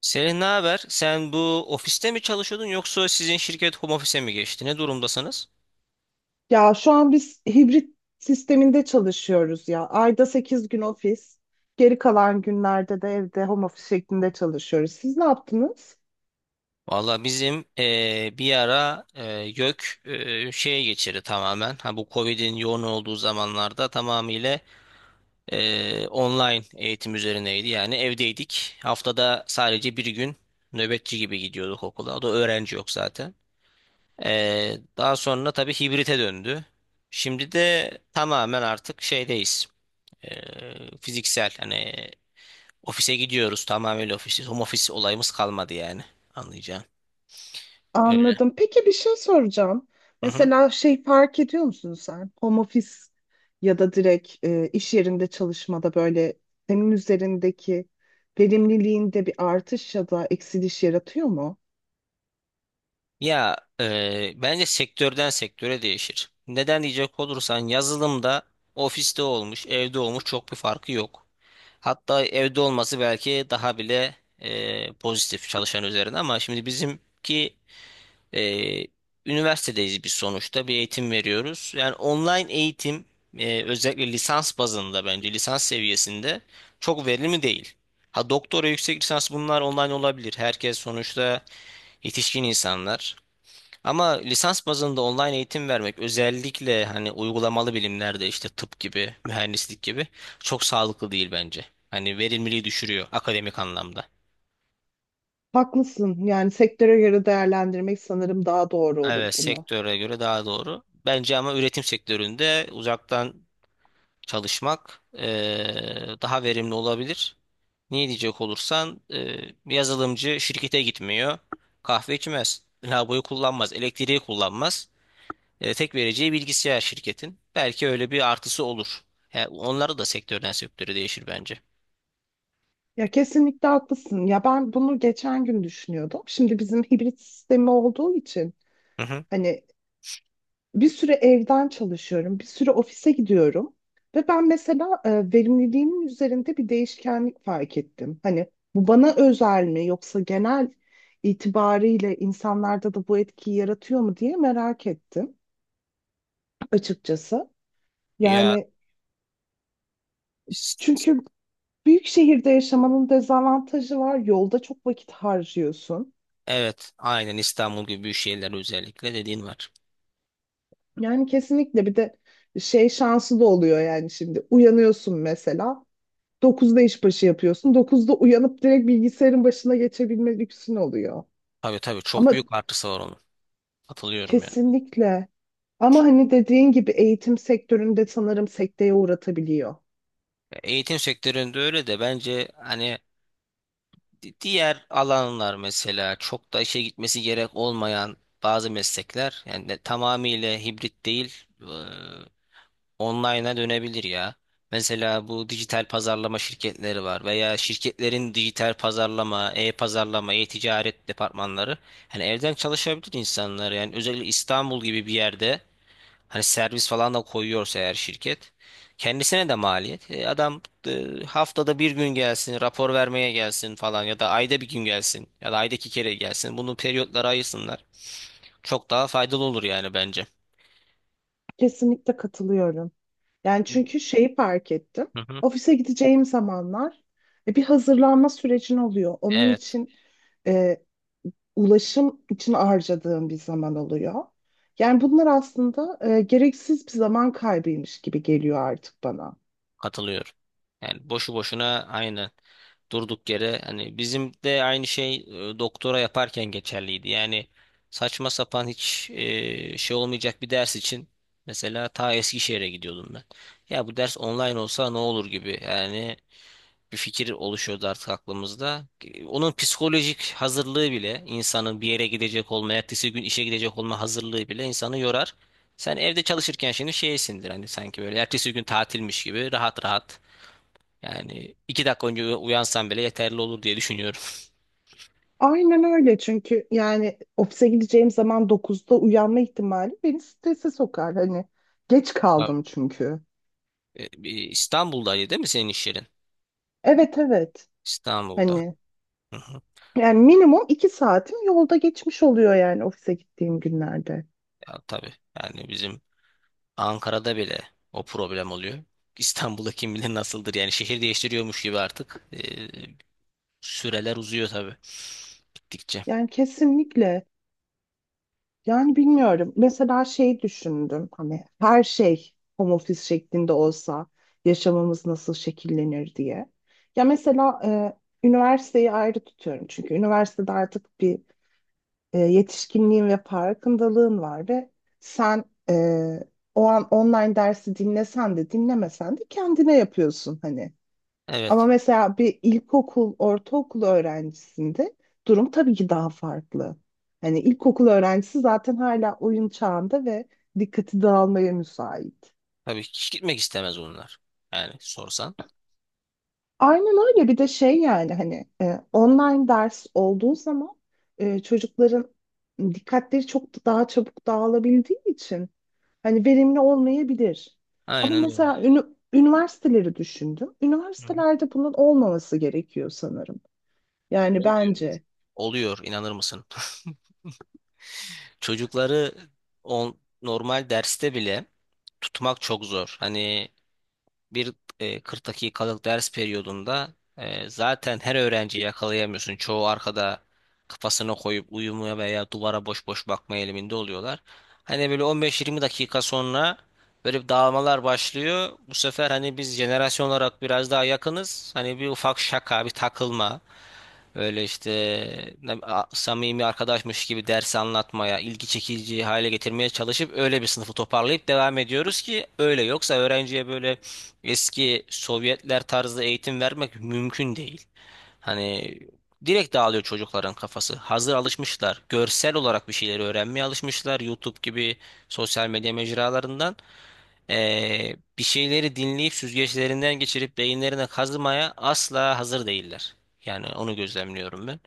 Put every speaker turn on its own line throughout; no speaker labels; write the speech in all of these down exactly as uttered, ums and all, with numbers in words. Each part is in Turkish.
Selin, ne haber? Sen bu ofiste mi çalışıyordun yoksa sizin şirket home office'e mi geçti? Ne durumdasınız?
Ya şu an biz hibrit sisteminde çalışıyoruz ya. Ayda sekiz gün ofis, geri kalan günlerde de evde home office şeklinde çalışıyoruz. Siz ne yaptınız?
Valla bizim eee, bir ara eee YÖK eee, şeye geçirdi tamamen. Ha, bu Covid'in yoğun olduğu zamanlarda tamamıyla eee, online eğitim üzerineydi. Yani evdeydik. Haftada sadece bir gün nöbetçi gibi gidiyorduk okula. O da öğrenci yok zaten. Eee, daha sonra tabii hibrite döndü. Şimdi de tamamen artık şeydeyiz. Eee, fiziksel hani ofise gidiyoruz, tamamen ofisiz. Home office olayımız kalmadı yani. Anlayacağım. Öyle.
Anladım. Peki bir şey soracağım.
Hı hı.
Mesela şey fark ediyor musun sen? Home office ya da direkt e, iş yerinde çalışmada böyle senin üzerindeki verimliliğinde bir artış ya da eksiliş yaratıyor mu?
Ya e, bence sektörden sektöre değişir. Neden diyecek olursan yazılımda ofiste olmuş, evde olmuş çok bir farkı yok. Hatta evde olması belki daha bile e, pozitif çalışan üzerine, ama şimdi bizimki Ee, üniversitedeyiz biz sonuçta, bir eğitim veriyoruz. Yani online eğitim, e, özellikle lisans bazında, bence lisans seviyesinde çok verimli değil. Ha, doktora, yüksek lisans bunlar online olabilir. Herkes sonuçta yetişkin insanlar. Ama lisans bazında online eğitim vermek, özellikle hani uygulamalı bilimlerde, işte tıp gibi, mühendislik gibi, çok sağlıklı değil bence. Hani verimliliği düşürüyor akademik anlamda.
Haklısın. Yani sektöre göre değerlendirmek sanırım daha doğru olur
Evet,
bunu.
sektöre göre daha doğru. Bence ama üretim sektöründe uzaktan çalışmak eee, daha verimli olabilir. Niye diyecek olursan eee, bir yazılımcı şirkete gitmiyor, kahve içmez, lavaboyu kullanmaz, elektriği kullanmaz. Eee, tek vereceği bilgisayar şirketin. Belki öyle bir artısı olur. Yani onları da sektörden sektöre değişir bence.
Ya kesinlikle haklısın. Ya ben bunu geçen gün düşünüyordum. Şimdi bizim hibrit sistemi olduğu için
Hı hı.
hani bir süre evden çalışıyorum, bir süre ofise gidiyorum ve ben mesela e, verimliliğimin üzerinde bir değişkenlik fark ettim. Hani bu bana özel mi yoksa genel itibariyle insanlarda da bu etkiyi yaratıyor mu diye merak ettim açıkçası.
Ya
Yani
s- s-
çünkü büyük şehirde yaşamanın dezavantajı var. Yolda çok vakit harcıyorsun.
evet, aynen, İstanbul gibi büyük şehirler özellikle dediğin var.
Yani kesinlikle bir de şey şansı da oluyor yani şimdi uyanıyorsun mesela dokuzda işbaşı yapıyorsun, dokuzda uyanıp direkt bilgisayarın başına geçebilme lüksün oluyor.
Tabii tabii, çok
Ama
büyük artısı var onun. Katılıyorum yani.
kesinlikle ama hani dediğin gibi eğitim sektöründe sanırım sekteye uğratabiliyor.
Ya, eğitim sektöründe öyle, de bence hani Di- diğer alanlar, mesela çok da işe gitmesi gerek olmayan bazı meslekler yani, de- tamamıyla hibrit değil, e, online'a dönebilir ya. Mesela bu dijital pazarlama şirketleri var, veya şirketlerin dijital pazarlama, e-pazarlama, e-ticaret departmanları. Hani evden çalışabilir insanlar yani, özellikle İstanbul gibi bir yerde. Hani servis falan da koyuyorsa eğer şirket, kendisine de maliyet. E, adam e, haftada bir gün gelsin, rapor vermeye gelsin falan, ya da ayda bir gün gelsin, ya da ayda iki kere gelsin. Bunu periyotlara ayırsınlar. Çok daha faydalı olur yani bence.
Kesinlikle katılıyorum. Yani çünkü şeyi fark ettim.
Hı hı.
Ofise gideceğim zamanlar e, bir hazırlanma sürecin oluyor. Onun
Evet,
için e, ulaşım için harcadığım bir zaman oluyor. Yani bunlar aslında e, gereksiz bir zaman kaybıymış gibi geliyor artık bana.
katılıyorum. Yani boşu boşuna aynı, durduk yere. Hani bizim de aynı şey e, doktora yaparken geçerliydi. Yani saçma sapan, hiç e, şey olmayacak bir ders için mesela ta Eskişehir'e gidiyordum ben. Ya, bu ders online olsa ne olur gibi yani, bir fikir oluşuyordu artık aklımızda. E, Onun psikolojik hazırlığı bile, insanın bir yere gidecek olma, ertesi gün işe gidecek olma hazırlığı bile insanı yorar. Sen evde çalışırken şimdi şeysindir hani, sanki böyle ertesi gün tatilmiş gibi rahat rahat, yani iki dakika önce uya- uyansam bile yeterli olur diye düşünüyorum.
Aynen öyle çünkü yani ofise gideceğim zaman dokuzda uyanma ihtimali beni strese sokar. Hani geç
Tabii.
kaldım çünkü.
E, bir İstanbul'daydı değil mi senin iş yerin?
Evet, evet,
İstanbul'da.
hani
Hı hı.
yani minimum iki saatim yolda geçmiş oluyor yani ofise gittiğim günlerde.
Ya, tabii. Yani bizim Ankara'da bile o problem oluyor. İstanbul'da kim bilir nasıldır. Yani şehir değiştiriyormuş gibi artık. E, süreler uzuyor tabii. Gittikçe.
Yani kesinlikle yani bilmiyorum mesela şey düşündüm hani her şey home office şeklinde olsa yaşamımız nasıl şekillenir diye. Ya mesela e, üniversiteyi ayrı tutuyorum çünkü üniversitede artık bir e, yetişkinliğin ve farkındalığın var ve sen e, o an online dersi dinlesen de dinlemesen de kendine yapıyorsun hani. Ama
Evet.
mesela bir ilkokul, ortaokul öğrencisinde durum tabii ki daha farklı. Hani ilkokul öğrencisi zaten hala oyun çağında ve dikkati dağılmaya müsait.
Tabii hiç gitmek istemez onlar, yani sorsan.
Aynen öyle. Bir de şey yani hani e, online ders olduğu zaman e, çocukların dikkatleri çok daha çabuk dağılabildiği için hani verimli olmayabilir. Ama
Aynen öyle.
mesela ünü- üniversiteleri düşündüm.
Hı hı.
Üniversitelerde bunun olmaması gerekiyor sanırım. Yani
Oluyor.
bence.
Oluyor. İnanır mısın? Çocukları on, normal derste bile tutmak çok zor. Hani bir e, kırk dakikalık ders periyodunda e, zaten her öğrenciyi yakalayamıyorsun. Çoğu arkada kafasına koyup uyumaya veya duvara boş boş bakma eğiliminde oluyorlar. Hani böyle on beş yirmi dakika sonra böyle bir dağılmalar başlıyor. Bu sefer hani biz jenerasyon olarak biraz daha yakınız. Hani bir ufak şaka, bir takılma. Öyle işte, ne- a- samimi arkadaşmış gibi dersi anlatmaya, ilgi çekici hale getirmeye çalışıp öyle bir sınıfı toparlayıp devam ediyoruz, ki öyle yoksa öğrenciye böyle eski Sovyetler tarzı eğitim vermek mümkün değil. Hani direkt dağılıyor çocukların kafası. Hazır alışmışlar. Görsel olarak bir şeyleri öğrenmeye alışmışlar. YouTube gibi sosyal medya mecralarından eee, bir şeyleri dinleyip süzgeçlerinden geçirip beyinlerine kazımaya asla hazır değiller. Yani onu gözlemliyorum ben.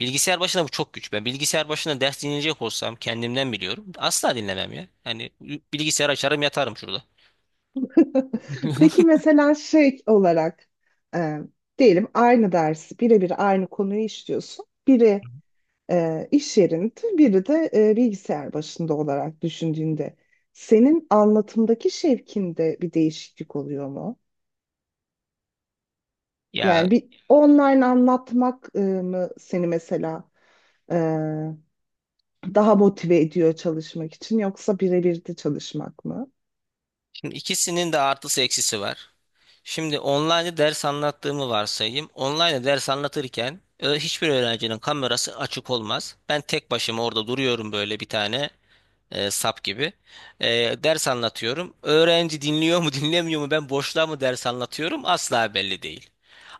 Bilgisayar başında bu çok güç. Ben bilgisayar başında ders dinleyecek olsam kendimden biliyorum. Asla dinlemem ya. Yani bilgisayar açarım, yatarım şurada.
Peki mesela şey olarak e, diyelim aynı dersi birebir aynı konuyu işliyorsun. Biri e, iş yerinde, biri de e, bilgisayar başında olarak düşündüğünde senin anlatımdaki şevkinde bir değişiklik oluyor mu?
Ya,
Yani bir online anlatmak e, mı seni mesela e, daha motive ediyor çalışmak için yoksa birebir de çalışmak mı?
şimdi ikisinin de artısı eksisi var. Şimdi online ders anlattığımı varsayayım. Online ders anlatırken e, hiçbir öğrencinin kamerası açık olmaz. Ben tek başıma orada duruyorum böyle bir tane e, sap gibi. E, Ders anlatıyorum. Öğrenci dinliyor mu dinlemiyor mu, ben boşluğa mı ders anlatıyorum, asla belli değil.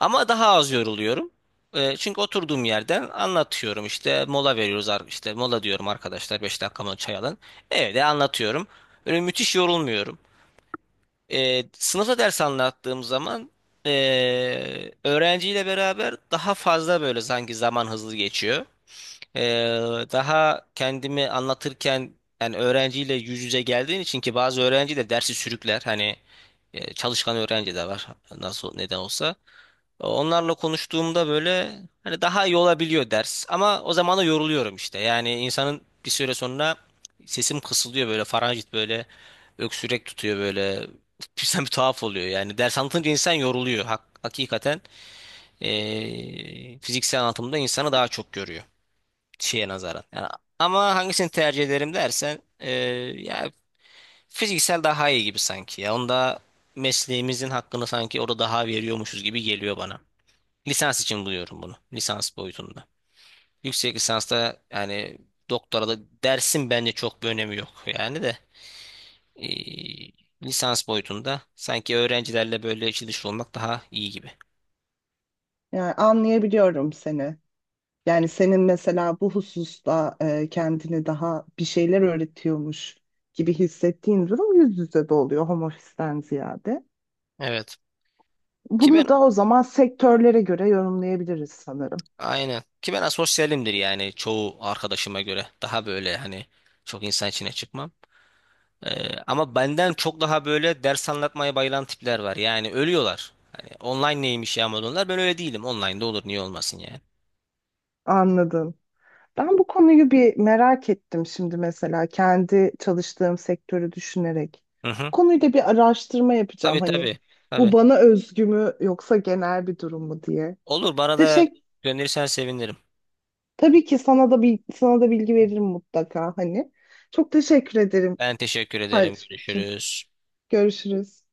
Ama daha az yoruluyorum. E, çünkü oturduğum yerden anlatıyorum, işte mola veriyoruz, ar- işte mola diyorum arkadaşlar, beş dakika mı çay alın. Evde anlatıyorum. Böyle müthiş yorulmuyorum. E, sınıfta ders anlattığım zaman e, öğrenciyle beraber daha fazla, böyle sanki zaman hızlı geçiyor. E, Daha kendimi anlatırken, yani öğrenciyle yüz yüze geldiğin için, ki bazı öğrenci de dersi sürükler. Hani e, çalışkan öğrenci de var nasıl neden olsa. Onlarla konuştuğumda böyle hani daha iyi olabiliyor ders. Ama o zaman da yoruluyorum işte. Yani insanın bir süre sonra sesim kısılıyor böyle, faranjit böyle öksürek tutuyor böyle. Sen bir tuhaf oluyor yani. Ders anlatınca insan yoruluyor. Hak- hakikaten eee, fiziksel anlatımda insanı daha çok görüyor şeye nazaran. Yani, ama hangisini tercih ederim dersen eee, ya, fiziksel daha iyi gibi sanki ya. Onda mesleğimizin hakkını sanki orada daha veriyormuşuz gibi geliyor bana. Lisans için buluyorum bunu, lisans boyutunda. Yüksek lisansta yani doktora da dersin bence çok bir önemi yok. Yani de e, lisans boyutunda sanki öğrencilerle böyle içi dışı olmak daha iyi gibi.
Yani anlayabiliyorum seni. Yani senin mesela bu hususta e, kendini daha bir şeyler öğretiyormuş gibi hissettiğin durum yüz yüze de oluyor home office'ten ziyade.
Evet. Ki ben,
Bunu da o zaman sektörlere göre yorumlayabiliriz sanırım.
aynen. Ki ben asosyalimdir yani, çoğu arkadaşıma göre. Daha böyle hani çok insan içine çıkmam. Ee, ama benden çok daha böyle ders anlatmaya bayılan tipler var. Yani ölüyorlar. Hani online neymiş ya modunlar. Ben öyle değilim. Online'da olur, niye olmasın yani.
Anladım. Ben bu konuyu bir merak ettim şimdi mesela kendi çalıştığım sektörü düşünerek.
Hı hı.
Bu konuyla bir araştırma yapacağım
Tabii
hani
tabii.
bu
Tabii.
bana özgü mü yoksa genel bir durum mu diye.
Olur, bana da
Teşekkür
gönderirsen sevinirim.
tabii ki sana da bir sana da bilgi veririm mutlaka hani. Çok teşekkür ederim
Ben teşekkür ederim.
paylaşım için.
Görüşürüz.
Görüşürüz.